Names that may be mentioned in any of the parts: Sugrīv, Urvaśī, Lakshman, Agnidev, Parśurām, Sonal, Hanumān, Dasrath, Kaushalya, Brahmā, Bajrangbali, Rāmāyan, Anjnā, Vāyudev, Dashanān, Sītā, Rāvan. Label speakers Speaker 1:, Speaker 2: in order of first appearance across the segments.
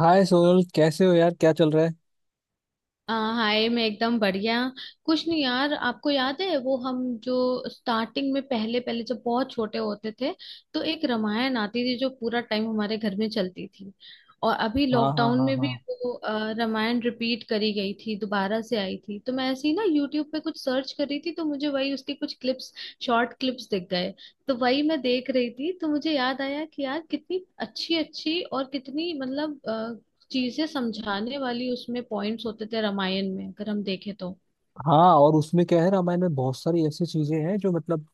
Speaker 1: हाय सोनल, कैसे हो यार? क्या चल रहा है?
Speaker 2: हाय, मैं एकदम बढ़िया। कुछ नहीं यार, आपको याद है वो हम जो स्टार्टिंग में पहले पहले जब बहुत छोटे होते थे तो एक रामायण आती थी जो पूरा टाइम हमारे घर में चलती थी। और अभी
Speaker 1: हाँ, हाँ,
Speaker 2: लॉकडाउन
Speaker 1: हाँ,
Speaker 2: में भी
Speaker 1: हाँ।
Speaker 2: वो रामायण रिपीट करी गई थी, दोबारा से आई थी, तो मैं ऐसे ही ना यूट्यूब पे कुछ सर्च कर रही थी तो मुझे वही उसके कुछ क्लिप्स, शॉर्ट क्लिप्स दिख गए। तो वही मैं देख रही थी तो मुझे याद आया कि यार, कितनी अच्छी अच्छी और कितनी, मतलब, चीजें समझाने वाली उसमें पॉइंट्स होते थे रामायण में, अगर हम देखें तो।
Speaker 1: हाँ, और उसमें क्या है, रामायण में बहुत सारी ऐसी चीजें हैं जो मतलब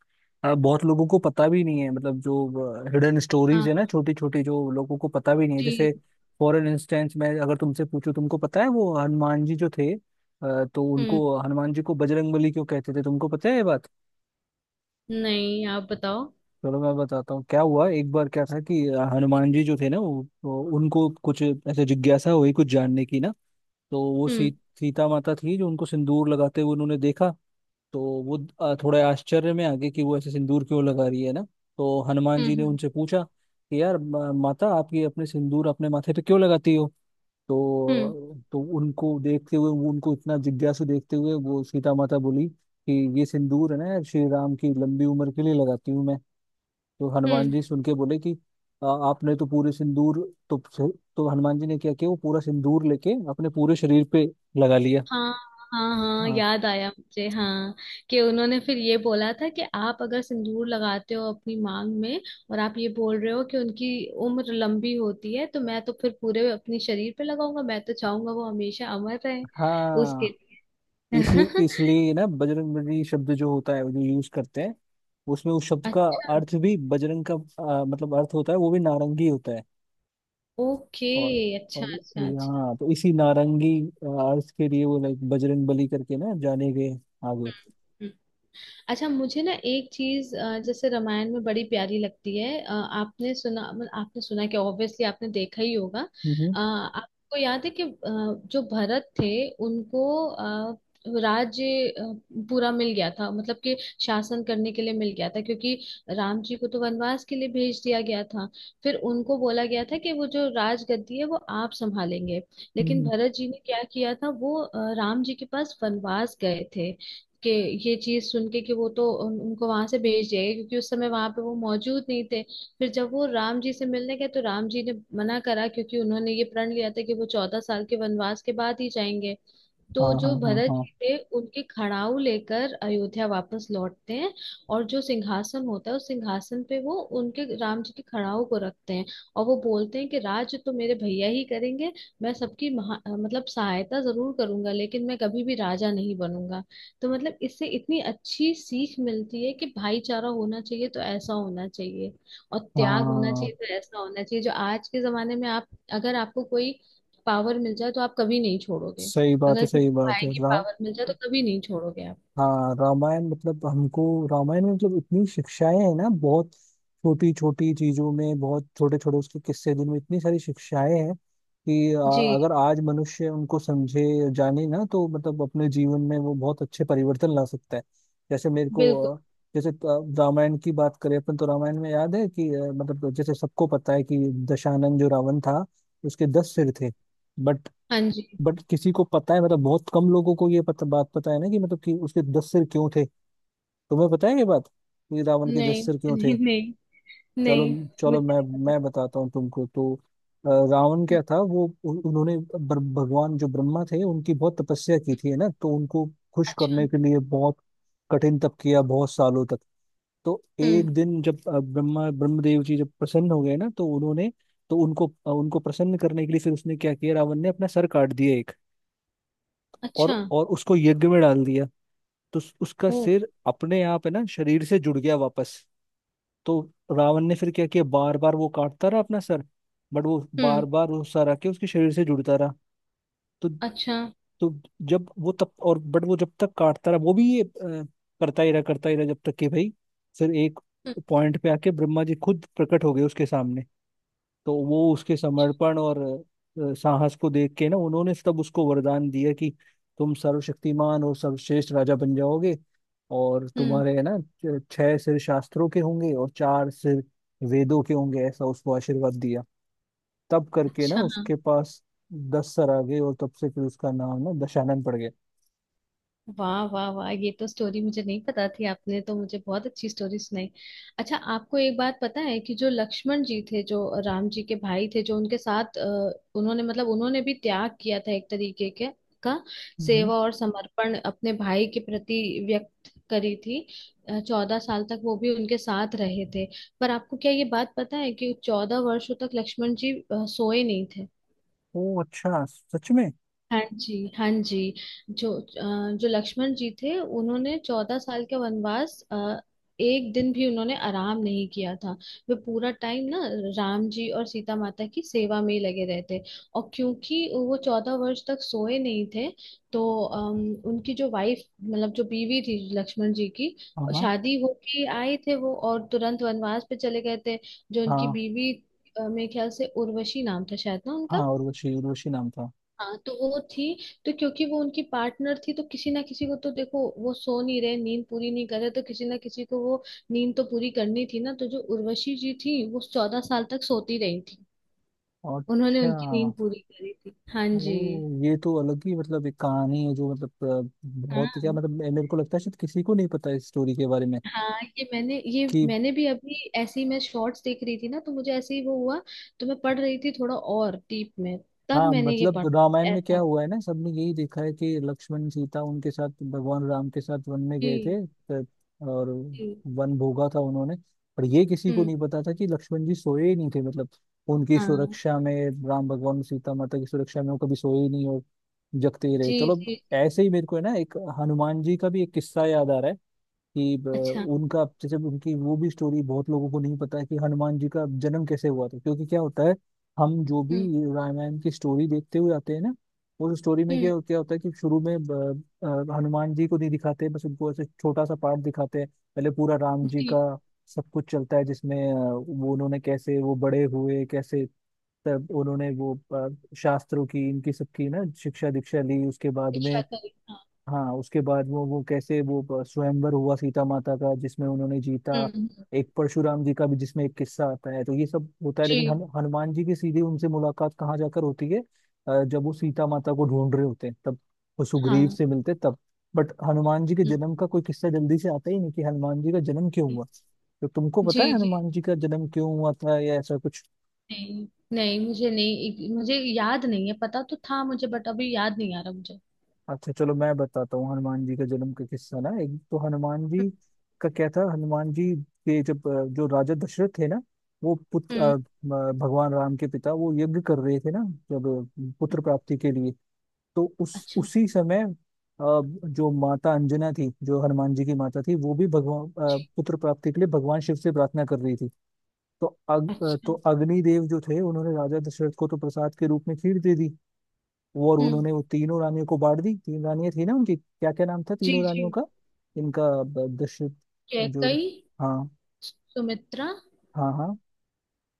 Speaker 1: बहुत लोगों को पता भी नहीं है, मतलब जो हिडन स्टोरीज है
Speaker 2: हाँ
Speaker 1: ना, छोटी छोटी, जो लोगों को पता भी नहीं है। जैसे
Speaker 2: जी।
Speaker 1: फॉर एन इंस्टेंस, मैं अगर तुमसे पूछूं, तुमको पता है वो हनुमान जी जो थे तो
Speaker 2: हम्म।
Speaker 1: उनको, हनुमान जी को बजरंगबली क्यों कहते थे, तुमको पता है ये बात?
Speaker 2: नहीं, आप बताओ।
Speaker 1: चलो मैं बताता हूँ क्या हुआ। एक बार क्या था कि हनुमान जी जो थे ना उनको कुछ ऐसे जिज्ञासा हुई कुछ जानने की ना। तो वो
Speaker 2: हम्म।
Speaker 1: सीता माता थी जो उनको सिंदूर लगाते हुए उन्होंने देखा। तो वो थोड़े आश्चर्य में आ गए कि वो ऐसे सिंदूर क्यों लगा रही है ना। तो हनुमान जी ने
Speaker 2: हम्म।
Speaker 1: उनसे पूछा कि यार, माता, आप ये अपने सिंदूर अपने माथे पे क्यों लगाती हो?
Speaker 2: हम्म।
Speaker 1: तो उनको देखते हुए, वो उनको इतना जिज्ञासु देखते हुए वो सीता माता बोली कि ये सिंदूर है ना यार, श्री राम की लंबी उम्र के लिए लगाती हूँ मैं। तो हनुमान
Speaker 2: हम्म।
Speaker 1: जी सुन के बोले कि आपने तो पूरे सिंदूर।" तो तो हनुमान जी ने क्या किया, वो पूरा सिंदूर लेके अपने पूरे शरीर पे लगा लिया।
Speaker 2: हाँ, हाँ, हाँ,
Speaker 1: हाँ,
Speaker 2: याद आया मुझे, हाँ, कि उन्होंने फिर ये बोला था कि आप अगर सिंदूर लगाते हो अपनी मांग में और आप ये बोल रहे हो कि उनकी उम्र लंबी होती है, तो मैं तो फिर पूरे अपने शरीर पे लगाऊंगा। मैं तो चाहूंगा वो हमेशा अमर रहे उसके
Speaker 1: हाँ।
Speaker 2: लिए।
Speaker 1: इसलिए इसलिए ना, बजरंगबली शब्द जो होता है, जो यूज करते हैं, उसमें उस शब्द का
Speaker 2: अच्छा।
Speaker 1: अर्थ भी, बजरंग का मतलब अर्थ होता है वो भी नारंगी होता है।
Speaker 2: ओके।
Speaker 1: और
Speaker 2: अच्छा,
Speaker 1: और
Speaker 2: अच्छा, अच्छा।
Speaker 1: यहाँ तो इसी नारंगी अर्थ के लिए वो लाइक बजरंग बली करके ना जाने गए आगे।
Speaker 2: हम्म। अच्छा, मुझे ना एक चीज, जैसे, रामायण में बड़ी प्यारी लगती है। आपने सुना, मतलब आपने सुना, कि ऑब्वियसली आपने देखा ही होगा।
Speaker 1: हम्म, हम्म,
Speaker 2: आपको याद है कि जो भरत थे उनको अ, राज्य, पूरा मिल गया था, मतलब कि शासन करने के लिए मिल गया था, क्योंकि राम जी को तो वनवास के लिए भेज दिया गया था। फिर उनको बोला गया था कि वो जो राजगद्दी है वो आप संभालेंगे। लेकिन
Speaker 1: हम्म,
Speaker 2: भरत जी ने क्या किया था, वो राम जी के पास वनवास गए थे, कि ये चीज सुन के कि वो तो उनको वहां से भेज जाएगा, क्योंकि उस समय वहां पे वो मौजूद नहीं थे। फिर जब वो राम जी से मिलने गए तो राम जी ने मना करा, क्योंकि उन्होंने ये प्रण लिया था कि वो 14 साल के वनवास के बाद ही जाएंगे।
Speaker 1: हाँ,
Speaker 2: तो
Speaker 1: हाँ,
Speaker 2: जो
Speaker 1: हाँ,
Speaker 2: भरत
Speaker 1: हाँ।
Speaker 2: जी थे उनके खड़ाऊ लेकर अयोध्या वापस लौटते हैं, और जो सिंहासन होता है उस सिंहासन पे वो उनके, राम जी के खड़ाऊ को रखते हैं। और वो बोलते हैं कि राज तो मेरे भैया ही करेंगे, मैं सबकी महा, मतलब सहायता जरूर करूंगा, लेकिन मैं कभी भी राजा नहीं बनूंगा। तो मतलब इससे इतनी अच्छी सीख मिलती है कि भाईचारा होना चाहिए तो ऐसा होना चाहिए, और त्याग होना
Speaker 1: हाँ,
Speaker 2: चाहिए तो ऐसा होना चाहिए। जो आज के जमाने में आप, अगर आपको कोई पावर मिल जाए तो आप कभी नहीं छोड़ोगे।
Speaker 1: सही बात है,
Speaker 2: अगर
Speaker 1: सही बात
Speaker 2: भाई
Speaker 1: है।
Speaker 2: की
Speaker 1: राम,
Speaker 2: पावर मिल जाए तो कभी नहीं छोड़ोगे आप।
Speaker 1: हाँ, रामायण मतलब हमको, रामायण में मतलब इतनी शिक्षाएं हैं ना, बहुत छोटी छोटी चीजों में बहुत छोटे छोटे उसके किस्से, जिनमें इतनी सारी शिक्षाएं हैं कि
Speaker 2: जी।
Speaker 1: अगर आज मनुष्य उनको समझे जाने ना, तो मतलब अपने जीवन में वो बहुत अच्छे परिवर्तन ला सकता है। जैसे मेरे को
Speaker 2: बिल्कुल।
Speaker 1: जैसे रामायण की बात करें अपन, तो रामायण में याद है कि मतलब जैसे सबको पता है कि दशानन जो रावण था, उसके दस सिर थे। बट
Speaker 2: हाँ जी।
Speaker 1: बट किसी को पता है मतलब, बहुत कम लोगों को ये पता बात पता है ना कि मतलब कि उसके दस सिर क्यों थे? तुम्हें पता है ये बात कि रावण के
Speaker 2: नहीं
Speaker 1: दस सिर क्यों
Speaker 2: नहीं
Speaker 1: थे?
Speaker 2: नहीं,
Speaker 1: चलो,
Speaker 2: नहीं,
Speaker 1: चलो
Speaker 2: मुझे
Speaker 1: मैं
Speaker 2: नहीं पता।
Speaker 1: मैं बताता हूँ तुमको तो। रावण
Speaker 2: हम्म,
Speaker 1: क्या था, वो उन्होंने भगवान जो ब्रह्मा थे उनकी बहुत तपस्या की
Speaker 2: हम्म।
Speaker 1: थी है ना, तो उनको खुश
Speaker 2: अच्छा।
Speaker 1: करने के लिए बहुत कठिन तप किया बहुत सालों तक। तो एक
Speaker 2: हम्म।
Speaker 1: दिन जब ब्रह्मा ब्रह्मदेव जी जब प्रसन्न हो गए ना, तो उन्होंने, तो उनको प्रसन्न करने के लिए फिर उसने क्या किया, रावण ने अपना सर काट दिया एक।
Speaker 2: अच्छा।
Speaker 1: और उसको यज्ञ में डाल दिया। तो उसका
Speaker 2: ओ।
Speaker 1: सिर अपने आप है ना, शरीर से जुड़ गया वापस। तो रावण ने फिर क्या किया, बार बार वो काटता रहा अपना सर, बट वो
Speaker 2: हम्म।
Speaker 1: बार बार वो सर आके उसके शरीर से जुड़ता रहा। तो
Speaker 2: अच्छा।
Speaker 1: तो जब वो तब और, बट वो जब तक काटता रहा, वो भी ये करता ही रहा, करता ही रहा, जब तक कि भाई फिर एक
Speaker 2: हम्म।
Speaker 1: पॉइंट पे आके ब्रह्मा जी खुद प्रकट हो गए उसके सामने। तो वो उसके समर्पण और साहस को देख के ना उन्होंने तब उसको वरदान दिया कि तुम सर्वशक्तिमान और सर्वश्रेष्ठ राजा बन जाओगे, और
Speaker 2: हम्म।
Speaker 1: तुम्हारे है ना छह सिर शास्त्रों के होंगे और चार सिर वेदों के होंगे, ऐसा उसको आशीर्वाद दिया। तब करके ना
Speaker 2: अच्छा। हाँ।
Speaker 1: उसके पास दस सर आ गए और तब से फिर उसका नाम ना दशानन पड़ गया।
Speaker 2: वाह, वाह, वाह, ये तो स्टोरी मुझे नहीं पता थी। आपने तो मुझे बहुत अच्छी स्टोरी सुनाई। अच्छा, आपको एक बात पता है कि जो लक्ष्मण जी थे, जो राम जी के भाई थे, जो उनके साथ उन्होंने भी त्याग किया था, एक तरीके के का
Speaker 1: हम्म।
Speaker 2: सेवा और समर्पण अपने भाई के प्रति व्यक्त करी थी। चौदह साल तक वो भी उनके साथ रहे थे। पर आपको क्या ये बात पता है कि 14 वर्षों तक लक्ष्मण जी सोए नहीं थे?
Speaker 1: ओ, अच्छा, सच में?
Speaker 2: हाँ जी, हाँ जी, जो जो लक्ष्मण जी थे उन्होंने चौदह साल के वनवास एक दिन भी उन्होंने आराम नहीं किया था। वे पूरा टाइम ना राम जी और सीता माता की सेवा में ही लगे रहते। और क्योंकि वो 14 वर्ष तक सोए नहीं थे, तो उनकी जो वाइफ, मतलब जो बीवी थी लक्ष्मण जी की,
Speaker 1: हाँ, हाँ,
Speaker 2: शादी होके आए थे वो और तुरंत वनवास पे चले गए थे। जो उनकी
Speaker 1: हाँ,
Speaker 2: बीवी, मेरे ख्याल से उर्वशी नाम था शायद, ना?
Speaker 1: हाँ, उर्वशी, उर्वशी नाम था।
Speaker 2: हाँ, तो वो थी। तो क्योंकि वो उनकी पार्टनर थी, तो किसी ना किसी को तो, देखो, वो सो नहीं रहे, नींद पूरी नहीं कर रहे, तो किसी ना किसी को वो नींद तो पूरी करनी थी ना। तो जो उर्वशी जी थी वो 14 साल तक सोती रही थी। उन्होंने
Speaker 1: अच्छा।
Speaker 2: उनकी नींद पूरी करी थी। हाँ
Speaker 1: ओ,
Speaker 2: जी।
Speaker 1: ये तो अलग ही मतलब एक कहानी है जो, मतलब बहुत, क्या
Speaker 2: हाँ,
Speaker 1: मतलब, मेरे को लगता है शायद किसी को नहीं पता इस स्टोरी के बारे में
Speaker 2: हाँ, ये मैंने, ये
Speaker 1: कि,
Speaker 2: मैंने भी अभी ऐसे ही, मैं शॉर्ट्स देख रही थी ना तो मुझे ऐसे ही वो हुआ, तो मैं पढ़ रही थी थोड़ा और डीप में, तब
Speaker 1: हाँ,
Speaker 2: मैंने ये
Speaker 1: मतलब रामायण
Speaker 2: पढ़ा
Speaker 1: में
Speaker 2: ऐसा
Speaker 1: क्या
Speaker 2: हुआ।
Speaker 1: हुआ है ना, सबने यही देखा है कि लक्ष्मण, सीता, उनके साथ भगवान राम के साथ वन में गए
Speaker 2: जी
Speaker 1: थे, और
Speaker 2: जी।
Speaker 1: वन भोगा था उन्होंने। पर ये किसी को
Speaker 2: हम्म।
Speaker 1: नहीं पता था कि लक्ष्मण जी सोए ही नहीं थे, मतलब उनकी
Speaker 2: हाँ।
Speaker 1: सुरक्षा में, राम भगवान और सीता माता की सुरक्षा में वो कभी सोए ही नहीं और जगते ही रहे।
Speaker 2: जी,
Speaker 1: चलो,
Speaker 2: जी।
Speaker 1: ऐसे ही मेरे को है ना एक हनुमान जी का भी एक किस्सा याद आ रहा है कि,
Speaker 2: अच्छा।
Speaker 1: उनका जैसे उनकी, वो भी स्टोरी बहुत लोगों को नहीं पता है कि हनुमान जी का जन्म कैसे हुआ था। क्योंकि क्या होता है, हम जो भी
Speaker 2: हम्म।
Speaker 1: रामायण की स्टोरी देखते हुए आते हैं ना, उस स्टोरी में
Speaker 2: हम्म।
Speaker 1: क्या क्या होता है कि शुरू में हनुमान जी को नहीं दिखाते, बस उनको ऐसे छोटा सा पार्ट दिखाते हैं। पहले पूरा राम जी का
Speaker 2: जी।
Speaker 1: सब कुछ चलता है, जिसमें वो उन्होंने कैसे वो बड़े हुए, कैसे तब उन्होंने वो शास्त्रों की इनकी सबकी ना शिक्षा दीक्षा ली, उसके बाद
Speaker 2: शिक्षा
Speaker 1: में।
Speaker 2: करें, हाँ।
Speaker 1: हाँ, उसके बाद वो कैसे वो स्वयंवर हुआ सीता माता का, जिसमें उन्होंने जीता,
Speaker 2: हुँ, हुँ।
Speaker 1: एक परशुराम जी का भी जिसमें एक किस्सा आता है, तो ये सब होता है। लेकिन
Speaker 2: जी।
Speaker 1: हनुमान जी की सीधी उनसे मुलाकात कहाँ जाकर होती है, जब वो सीता माता को ढूंढ रहे होते हैं तब, वो सुग्रीव
Speaker 2: हाँ।
Speaker 1: से मिलते हैं तब। बट हनुमान जी के
Speaker 2: हुँ,
Speaker 1: जन्म का कोई किस्सा जल्दी से आता ही नहीं कि हनुमान जी का जन्म क्यों
Speaker 2: हुँ।
Speaker 1: हुआ। तो तुमको पता है
Speaker 2: जी, जी।
Speaker 1: हनुमान जी का जन्म क्यों हुआ था या ऐसा कुछ?
Speaker 2: नहीं, नहीं, मुझे नहीं, मुझे याद नहीं है। पता तो था मुझे, बट अभी याद नहीं आ रहा मुझे।
Speaker 1: अच्छा, चलो मैं बताता हूँ हनुमान जी का जन्म का किस्सा ना। एक तो हनुमान जी का क्या था, हनुमान जी के जब जो राजा दशरथ थे ना, वो पुत्र,
Speaker 2: हम्म।
Speaker 1: भगवान राम के पिता, वो यज्ञ कर रहे थे ना जब, पुत्र प्राप्ति के लिए। तो उस
Speaker 2: अच्छा।
Speaker 1: उसी समय जो माता अंजना थी, जो हनुमान जी की माता थी, वो भी भगवान, पुत्र प्राप्ति के लिए भगवान शिव से प्रार्थना कर रही थी। तो अग, अ,
Speaker 2: अच्छा।
Speaker 1: तो अग्निदेव जो थे उन्होंने राजा दशरथ को तो प्रसाद के रूप में खीर दे दी। और
Speaker 2: हम्म।
Speaker 1: उन्होंने वो तीनों रानियों को बांट दी। तीन रानियां थी ना उनकी, क्या क्या नाम था
Speaker 2: जी
Speaker 1: तीनों रानियों
Speaker 2: जी।
Speaker 1: का? इनका दशरथ जो,
Speaker 2: कैकई।
Speaker 1: हाँ,
Speaker 2: सुमित्रा।
Speaker 1: हाँ, हाँ,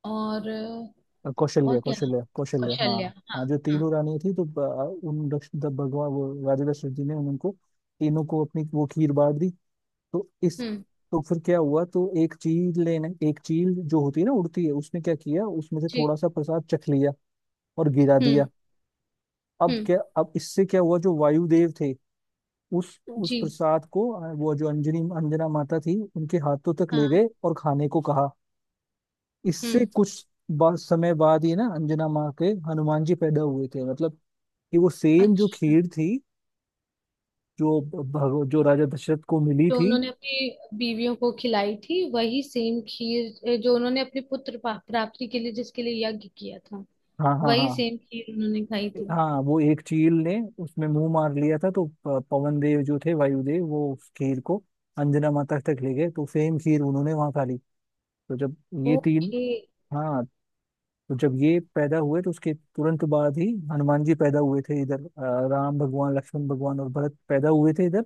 Speaker 2: और
Speaker 1: कौशल्य,
Speaker 2: और क्या नाम,
Speaker 1: कौशल्य, कौशल्य, हाँ।
Speaker 2: कौशल्या,
Speaker 1: हाँ,
Speaker 2: हाँ।
Speaker 1: जो
Speaker 2: हाँ।
Speaker 1: तीनों रानियां थी, तो उन भगवान, वो राजा दशरथ जी ने उनको तीनों को अपनी वो खीर बांट दी। तो इस,
Speaker 2: हम्म।
Speaker 1: तो फिर क्या हुआ, तो एक चील, लेने एक चील जो होती है ना उड़ती है, उसने क्या किया, उसमें से
Speaker 2: जी।
Speaker 1: थोड़ा सा प्रसाद चख लिया और गिरा दिया।
Speaker 2: हम्म।
Speaker 1: अब
Speaker 2: हम्म।
Speaker 1: क्या, अब इससे क्या हुआ, जो वायुदेव थे, उस
Speaker 2: जी।
Speaker 1: प्रसाद को वो जो अंजनी, अंजना माता थी, उनके हाथों तक ले
Speaker 2: हाँ।
Speaker 1: गए और खाने को कहा। इससे
Speaker 2: हम्म।
Speaker 1: कुछ समय बाद ही ना अंजना माँ के हनुमान जी पैदा हुए थे। मतलब कि वो सेम जो
Speaker 2: अच्छा।
Speaker 1: खीर थी, जो राजा दशरथ को मिली
Speaker 2: जो
Speaker 1: थी।
Speaker 2: उन्होंने अपनी बीवियों को खिलाई थी, वही सेम खीर जो उन्होंने अपने पुत्र प्राप्ति के लिए जिसके लिए यज्ञ किया था,
Speaker 1: हाँ, हाँ, हाँ,
Speaker 2: वही सेम खीर उन्होंने खाई थी।
Speaker 1: हाँ, वो एक चील ने उसमें मुंह मार लिया था, तो पवन देव जो थे, वायुदेव, वो उस खीर को अंजना माता तक ले गए, तो सेम खीर उन्होंने वहां खा ली। तो जब ये तीन,
Speaker 2: ओके।
Speaker 1: हाँ, तो जब ये पैदा हुए, तो उसके तुरंत बाद ही हनुमान जी पैदा हुए थे। इधर राम भगवान, लक्ष्मण भगवान और भरत पैदा हुए थे इधर,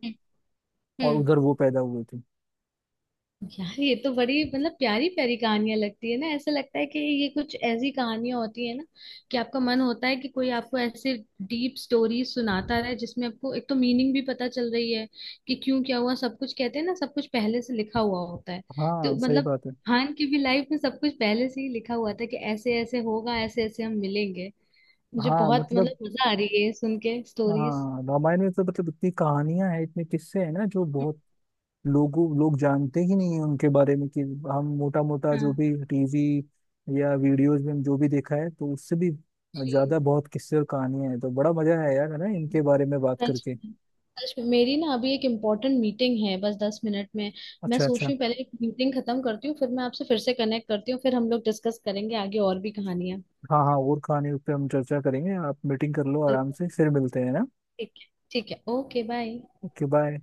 Speaker 1: और
Speaker 2: हम्म।
Speaker 1: उधर वो पैदा हुए थे।
Speaker 2: यार, ये तो बड़ी, मतलब प्यारी प्यारी कहानियां लगती है ना, ऐसा लगता है कि ये कुछ ऐसी कहानियां होती है ना कि आपका मन होता है कि कोई आपको ऐसे डीप स्टोरी सुनाता रहे, जिसमें आपको एक तो मीनिंग भी पता चल रही है कि क्यों क्या हुआ। सब कुछ कहते हैं ना, सब कुछ पहले से लिखा हुआ होता है। तो
Speaker 1: हाँ, सही
Speaker 2: मतलब,
Speaker 1: बात है।
Speaker 2: खान की भी लाइफ में सब कुछ पहले से ही लिखा हुआ था कि ऐसे ऐसे होगा, ऐसे ऐसे हम मिलेंगे। मुझे
Speaker 1: हाँ,
Speaker 2: बहुत,
Speaker 1: मतलब,
Speaker 2: मतलब मजा आ रही है ये सुन के स्टोरीज।
Speaker 1: हाँ, रामायण में तो मतलब इतनी कहानियां हैं, इतने किस्से हैं ना, जो बहुत लोगों, लोग जानते ही नहीं है उनके बारे में कि हम मोटा मोटा जो
Speaker 2: हाँ
Speaker 1: भी टीवी या वीडियोज में हम जो भी देखा है, तो उससे भी
Speaker 2: जी।
Speaker 1: ज्यादा बहुत किस्से और कहानियां हैं। तो बड़ा मजा है यार है ना, इनके बारे में बात
Speaker 2: सच
Speaker 1: करके।
Speaker 2: में, सच में। मेरी ना अभी एक इम्पोर्टेंट मीटिंग है, बस 10 मिनट में। मैं
Speaker 1: अच्छा,
Speaker 2: सोच
Speaker 1: अच्छा।
Speaker 2: रही हूँ पहले एक मीटिंग खत्म करती हूँ, फिर मैं आपसे फिर से कनेक्ट करती हूँ, फिर हम लोग डिस्कस करेंगे आगे और भी कहानियाँ।
Speaker 1: हाँ, हाँ, और कहानी पे हम चर्चा करेंगे, आप मीटिंग कर लो आराम
Speaker 2: बिल्कुल।
Speaker 1: से, फिर मिलते हैं ना।
Speaker 2: ठीक है, ठीक है, ओके बाय।
Speaker 1: Okay, bye.